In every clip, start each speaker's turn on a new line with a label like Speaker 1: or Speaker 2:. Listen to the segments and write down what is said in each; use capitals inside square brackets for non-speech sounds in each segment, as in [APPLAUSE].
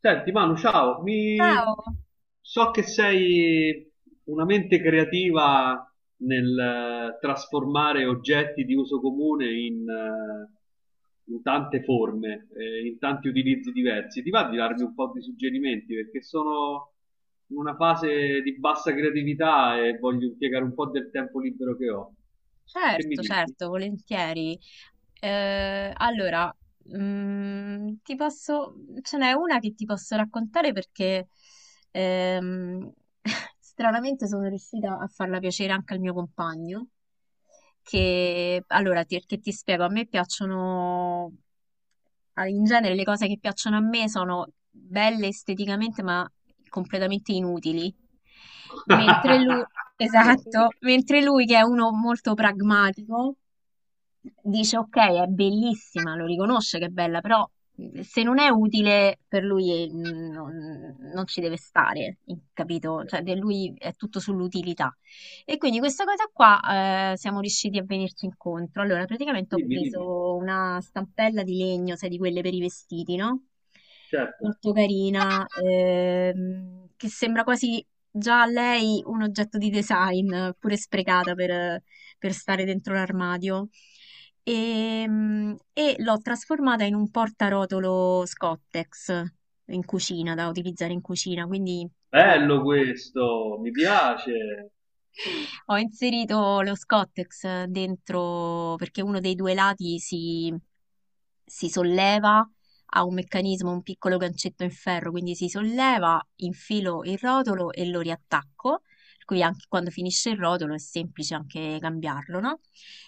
Speaker 1: Senti, Manu, ciao,
Speaker 2: Ciao,
Speaker 1: mi... so che sei una mente creativa nel trasformare oggetti di uso comune in, in tante forme, in tanti utilizzi diversi. Ti va di darmi un po' di suggerimenti? Perché sono in una fase di bassa creatività e voglio impiegare un po' del tempo libero che ho. Che mi
Speaker 2: certo,
Speaker 1: dici?
Speaker 2: certo, volentieri. Allora, ti posso, ce n'è una che ti posso raccontare perché ehm, [LAUGHS] stranamente sono riuscita a farla piacere anche al mio compagno. Che ti spiego, a me piacciono in genere le cose che piacciono a me sono belle esteticamente, ma completamente inutili. Mentre lui, esatto,
Speaker 1: [LAUGHS]
Speaker 2: mentre lui che è uno molto pragmatico, dice ok, è bellissima, lo riconosce che è bella, però se non è utile per lui non ci deve stare, capito? Cioè, per lui è tutto sull'utilità. E quindi questa cosa qua siamo riusciti a venirci incontro. Allora, praticamente ho
Speaker 1: Dimmi, dimmi,
Speaker 2: preso una stampella di legno, sai, di quelle per i vestiti, no?
Speaker 1: certo.
Speaker 2: Molto carina, che sembra quasi già a lei un oggetto di design, pure sprecata per stare dentro l'armadio. E l'ho trasformata in un portarotolo Scottex in cucina, da utilizzare in cucina, quindi ho
Speaker 1: Bello questo, mi piace,
Speaker 2: ho inserito lo Scottex dentro perché uno dei due lati si solleva, ha un meccanismo, un piccolo gancetto in ferro, quindi si solleva, infilo il rotolo e lo riattacco. Per cui anche quando finisce il rotolo è semplice anche cambiarlo, no?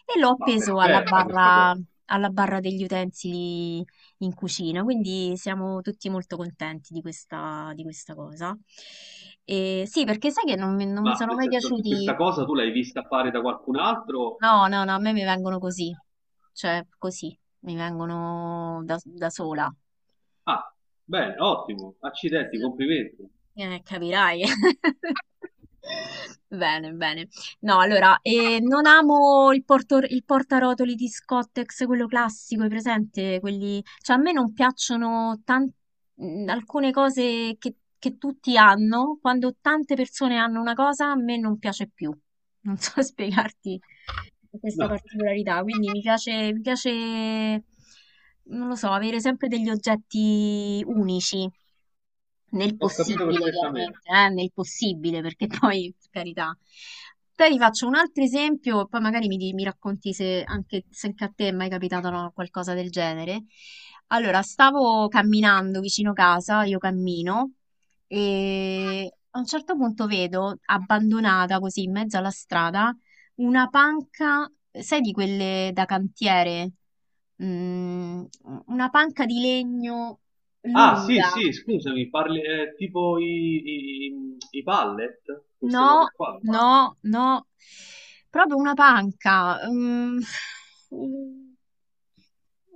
Speaker 2: E l'ho
Speaker 1: ma
Speaker 2: appeso
Speaker 1: perfetta questa cosa.
Speaker 2: alla barra degli utensili in cucina, quindi siamo tutti molto contenti di questa cosa. E sì, perché sai che non mi
Speaker 1: Ma
Speaker 2: sono
Speaker 1: nel
Speaker 2: mai
Speaker 1: senso, questa
Speaker 2: piaciuti.
Speaker 1: cosa tu l'hai vista fare da qualcun altro?
Speaker 2: No, no, no, a me mi vengono così, cioè così, mi vengono da sola.
Speaker 1: Ah, bene, ottimo, accidenti,
Speaker 2: Sì.
Speaker 1: complimenti.
Speaker 2: Capirai. [LAUGHS] Bene, bene. No, allora, non amo il portarotoli di Scottex, quello classico, hai presente? Quelli... Cioè, a me non piacciono alcune cose che tutti hanno. Quando tante persone hanno una cosa, a me non piace più. Non so [LAUGHS] spiegarti questa
Speaker 1: No,
Speaker 2: particolarità. Quindi mi piace, non lo so, avere sempre degli oggetti unici nel
Speaker 1: ho capito
Speaker 2: possibile,
Speaker 1: perfettamente.
Speaker 2: chiaramente, nel possibile, perché [LAUGHS] poi, per carità. Poi ti faccio un altro esempio, poi magari mi racconti se anche a te è mai capitato no, qualcosa del genere. Allora, stavo camminando vicino casa, io cammino, e a un certo punto vedo, abbandonata così in mezzo alla strada, una panca, sai di quelle da cantiere? Mm, una panca di legno
Speaker 1: Ah, sì,
Speaker 2: lunga.
Speaker 1: sì, scusami, parli tipo i pallet, queste
Speaker 2: No,
Speaker 1: cose qua.
Speaker 2: no, no, proprio una panca. Mm,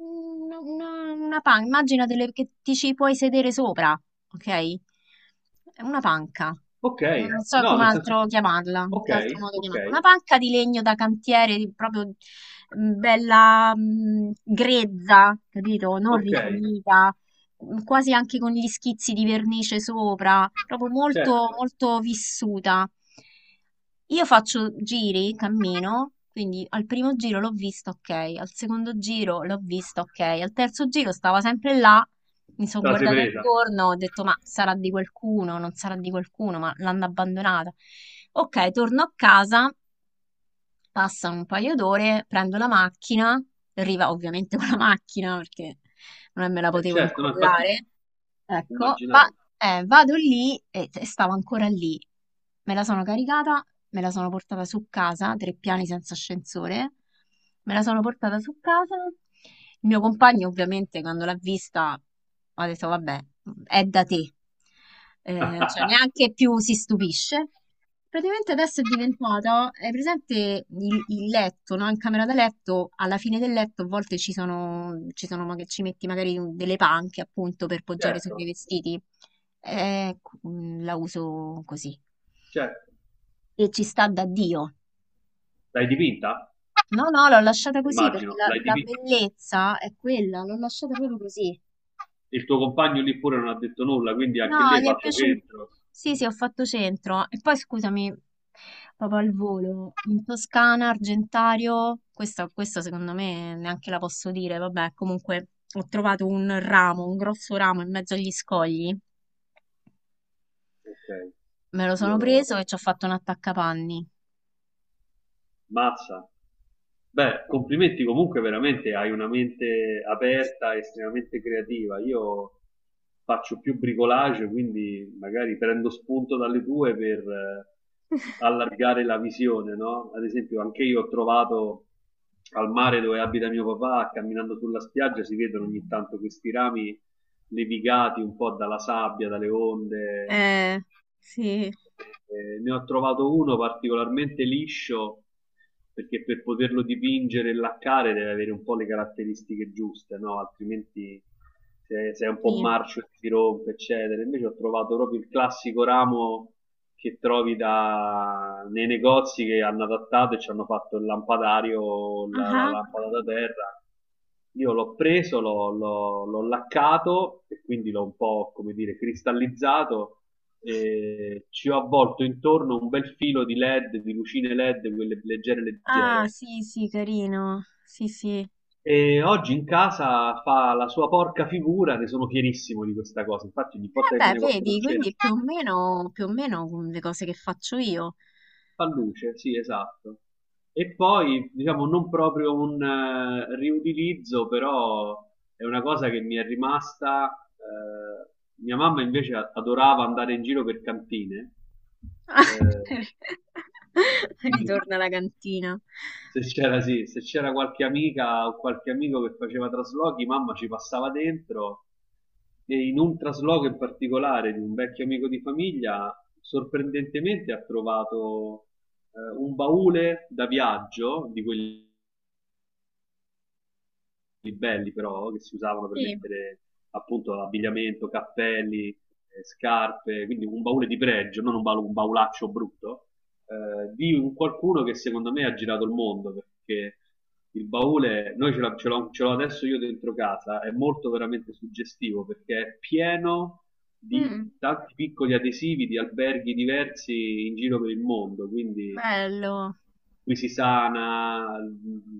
Speaker 2: una panca, che ti ci puoi sedere sopra, ok? È una panca.
Speaker 1: Ok,
Speaker 2: Non so
Speaker 1: no,
Speaker 2: come
Speaker 1: nel senso,
Speaker 2: altro chiamarla, in
Speaker 1: ok,
Speaker 2: che altro modo
Speaker 1: ok,
Speaker 2: chiamarla. Una panca di legno da cantiere, proprio bella, grezza, capito? Non
Speaker 1: ok,
Speaker 2: rifinita quasi anche con gli schizzi di vernice sopra, proprio molto,
Speaker 1: certo,
Speaker 2: molto vissuta. Io faccio giri, cammino, quindi al primo giro l'ho visto, ok, al secondo giro l'ho visto, ok, al terzo giro stava sempre là, mi sono
Speaker 1: te la sei
Speaker 2: guardata
Speaker 1: presa.
Speaker 2: intorno, ho detto ma sarà di qualcuno, non sarà di qualcuno, ma l'hanno abbandonata. Ok, torno a casa, passano un paio d'ore, prendo la macchina, arriva ovviamente con la macchina perché non me la potevo
Speaker 1: Certo, no, infatti
Speaker 2: incollare. Ecco, va-
Speaker 1: immaginavo.
Speaker 2: vado lì e stavo ancora lì. Me la sono caricata, me la sono portata su casa, tre piani senza ascensore. Me la sono portata su casa. Il mio compagno, ovviamente, quando l'ha vista, ha detto: Vabbè, è da te. Cioè,
Speaker 1: [LAUGHS]
Speaker 2: neanche più si stupisce. Praticamente adesso è diventata, è presente il letto, no? In camera da letto, alla fine del letto a volte ci sono ci metti magari delle panche appunto per poggiare sui miei
Speaker 1: Certo.
Speaker 2: vestiti. La uso così.
Speaker 1: Certo,
Speaker 2: E ci sta da Dio.
Speaker 1: l'hai dipinta?
Speaker 2: No, no, l'ho lasciata così perché
Speaker 1: Immagino, l'hai
Speaker 2: la
Speaker 1: dipinta.
Speaker 2: bellezza è quella, l'ho lasciata proprio così.
Speaker 1: Il tuo compagno lì pure non ha detto nulla, quindi anche
Speaker 2: No,
Speaker 1: lì hai
Speaker 2: gli è
Speaker 1: fatto
Speaker 2: piaciuto.
Speaker 1: centro.
Speaker 2: Sì, sì, ho fatto centro. E poi scusami, proprio al volo, in Toscana, Argentario, questa secondo me neanche la posso dire, vabbè, comunque ho trovato un ramo, un grosso ramo in mezzo agli scogli,
Speaker 1: Ok,
Speaker 2: me lo
Speaker 1: io
Speaker 2: sono
Speaker 1: lo...
Speaker 2: preso e ci ho fatto un attaccapanni.
Speaker 1: Mazza. Beh, complimenti comunque veramente, hai una mente aperta, estremamente creativa. Io faccio più bricolage, quindi magari prendo spunto dalle tue per
Speaker 2: [LAUGHS]
Speaker 1: allargare la visione, no? Ad esempio, anche io ho trovato al mare dove abita mio papà, camminando sulla spiaggia, si vedono ogni tanto questi rami levigati un po' dalla sabbia, dalle onde.
Speaker 2: Eh, sì.
Speaker 1: Ne ho trovato uno particolarmente liscio perché per poterlo dipingere e laccare deve avere un po' le caratteristiche giuste, no? Altrimenti se è un po'
Speaker 2: Sì.
Speaker 1: marcio si rompe, eccetera. Invece ho trovato proprio il classico ramo che trovi da- nei negozi che hanno adattato e ci hanno fatto il lampadario, la
Speaker 2: Ah,
Speaker 1: lampada da terra. Io l'ho preso, l'ho laccato e quindi l'ho un po', come dire, cristallizzato e ci ho avvolto intorno un bel filo di LED, di lucine LED, quelle leggere
Speaker 2: ah,
Speaker 1: leggere.
Speaker 2: sì, sì, carino. Sì, sì.
Speaker 1: E oggi in casa fa la sua porca figura, ne sono fierissimo di questa cosa. Infatti, ogni
Speaker 2: Eh
Speaker 1: volta che
Speaker 2: beh,
Speaker 1: viene qualcuno a
Speaker 2: vedi,
Speaker 1: cena
Speaker 2: quindi è più o meno le cose che faccio io.
Speaker 1: fa luce, sì, esatto. E poi, diciamo, non proprio un riutilizzo, però è una cosa che mi è rimasta. Mia mamma invece adorava andare in giro per cantine. eh,
Speaker 2: [LAUGHS]
Speaker 1: quindi
Speaker 2: Ritorna alla cantina.
Speaker 1: se c'era, sì, se c'era qualche amica o qualche amico che faceva traslochi, mamma ci passava dentro e in un trasloco in particolare di un vecchio amico di famiglia, sorprendentemente ha trovato un baule da viaggio di quelli belli però che si usavano per
Speaker 2: Sì,
Speaker 1: mettere appunto abbigliamento, cappelli, scarpe, quindi un baule di pregio, non un, baul- un baulaccio brutto, di un qualcuno che secondo me ha girato il mondo perché il baule, noi ce, l'ha- ce l'ho adesso io dentro casa, è molto veramente suggestivo perché è pieno di
Speaker 2: mm,
Speaker 1: tanti piccoli adesivi di alberghi diversi in giro per il mondo, quindi
Speaker 2: bello.
Speaker 1: Quisisana,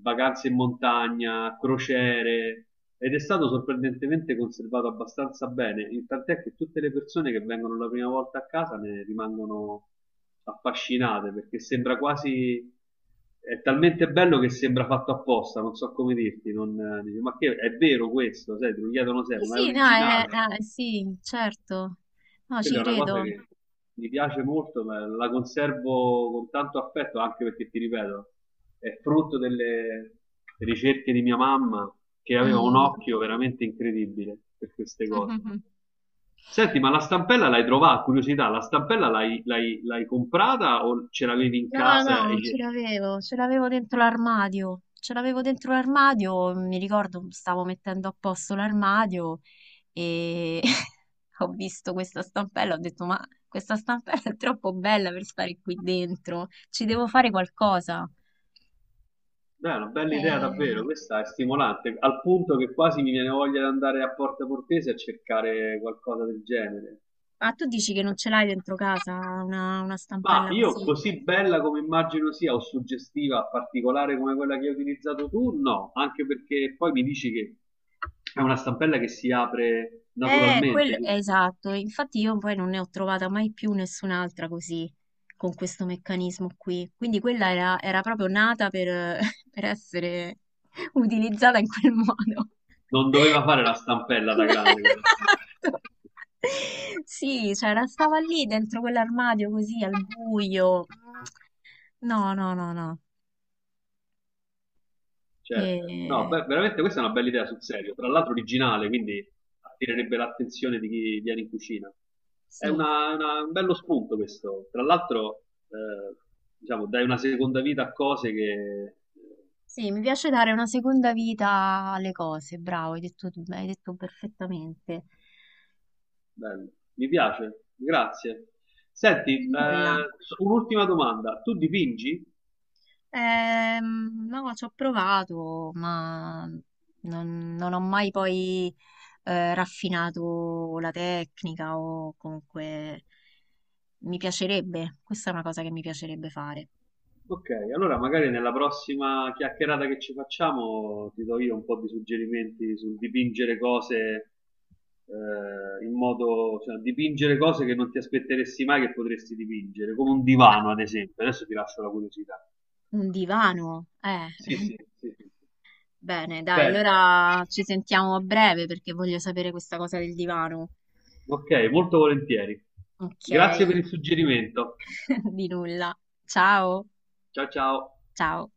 Speaker 1: vacanze in montagna, crociere ed è stato sorprendentemente conservato abbastanza bene, il- tant'è che tutte le persone che vengono la prima volta a casa ne rimangono affascinate perché sembra quasi è talmente bello che sembra fatto apposta, non so come dirti, non, dici, ma che è vero questo, sai, te lo chiedono
Speaker 2: Sì,
Speaker 1: sempre, ma è
Speaker 2: sì, no,
Speaker 1: originale.
Speaker 2: sì, certo. No, ci
Speaker 1: Quella è una cosa
Speaker 2: credo.
Speaker 1: che mi piace molto, ma la conservo con tanto affetto anche perché, ti ripeto, è frutto delle ricerche di mia mamma che aveva un
Speaker 2: Mm.
Speaker 1: occhio veramente incredibile per queste cose.
Speaker 2: [LAUGHS]
Speaker 1: Senti, ma la stampella l'hai trovata? Curiosità, la stampella l'hai comprata o ce l'avevi in
Speaker 2: No,
Speaker 1: casa? E
Speaker 2: no,
Speaker 1: gli...
Speaker 2: ce l'avevo dentro l'armadio. Ce l'avevo dentro l'armadio, mi ricordo, stavo mettendo a posto l'armadio e [LAUGHS] ho visto questa stampella, ho detto, ma questa stampella è troppo bella per stare qui dentro, ci devo fare qualcosa.
Speaker 1: Beh, è una bella idea davvero,
Speaker 2: Eh,
Speaker 1: questa è stimolante, al punto che quasi mi viene voglia di andare a Porta Portese a cercare qualcosa del genere.
Speaker 2: ah, tu dici che non ce l'hai dentro casa una
Speaker 1: Ma
Speaker 2: stampella
Speaker 1: io
Speaker 2: così?
Speaker 1: così bella come immagino sia o suggestiva, particolare come quella che hai utilizzato tu, no, anche perché poi mi dici che è una stampella che si apre naturalmente, quindi
Speaker 2: Esatto, infatti io poi non ne ho trovata mai più nessun'altra così, con questo meccanismo qui. Quindi quella era proprio nata per, [LAUGHS] per essere utilizzata in quel modo.
Speaker 1: non doveva fare la stampella da grande
Speaker 2: [LAUGHS]
Speaker 1: quella stampella.
Speaker 2: Esatto. Sì, cioè stava lì dentro quell'armadio così al buio. No, no, no, no.
Speaker 1: Certo. No,
Speaker 2: Eh,
Speaker 1: beh, veramente questa è una bella idea sul serio, tra l'altro originale, quindi attirerebbe l'attenzione di chi viene in cucina. È
Speaker 2: sì.
Speaker 1: un bello spunto questo. Tra l'altro, eh, diciamo, dai una seconda vita a cose che eh,
Speaker 2: Sì, mi piace dare una seconda vita alle cose, bravo, hai detto, hai detto perfettamente.
Speaker 1: Bello, mi piace, grazie. Senti,
Speaker 2: Nulla.
Speaker 1: so- un'ultima domanda. Tu dipingi?
Speaker 2: No, ci ho provato, ma non ho mai poi raffinato la tecnica o comunque mi piacerebbe, questa è una cosa che mi piacerebbe fare.
Speaker 1: Ok, allora magari nella prossima chiacchierata che ci facciamo ti do io un po' di suggerimenti sul dipingere cose in modo, cioè dipingere cose che non ti aspetteresti mai che potresti dipingere, come un
Speaker 2: Ah,
Speaker 1: divano ad esempio. Adesso ti lascio la curiosità.
Speaker 2: un divano, eh.
Speaker 1: Sì,
Speaker 2: [LAUGHS]
Speaker 1: sì, sì, sì. Sì.
Speaker 2: Bene, dai,
Speaker 1: Bene.
Speaker 2: allora ci sentiamo a breve perché voglio sapere questa cosa del divano.
Speaker 1: Ok, molto volentieri.
Speaker 2: Ok.
Speaker 1: Grazie per il suggerimento.
Speaker 2: [LAUGHS] Di nulla. Ciao.
Speaker 1: Ciao ciao.
Speaker 2: Ciao.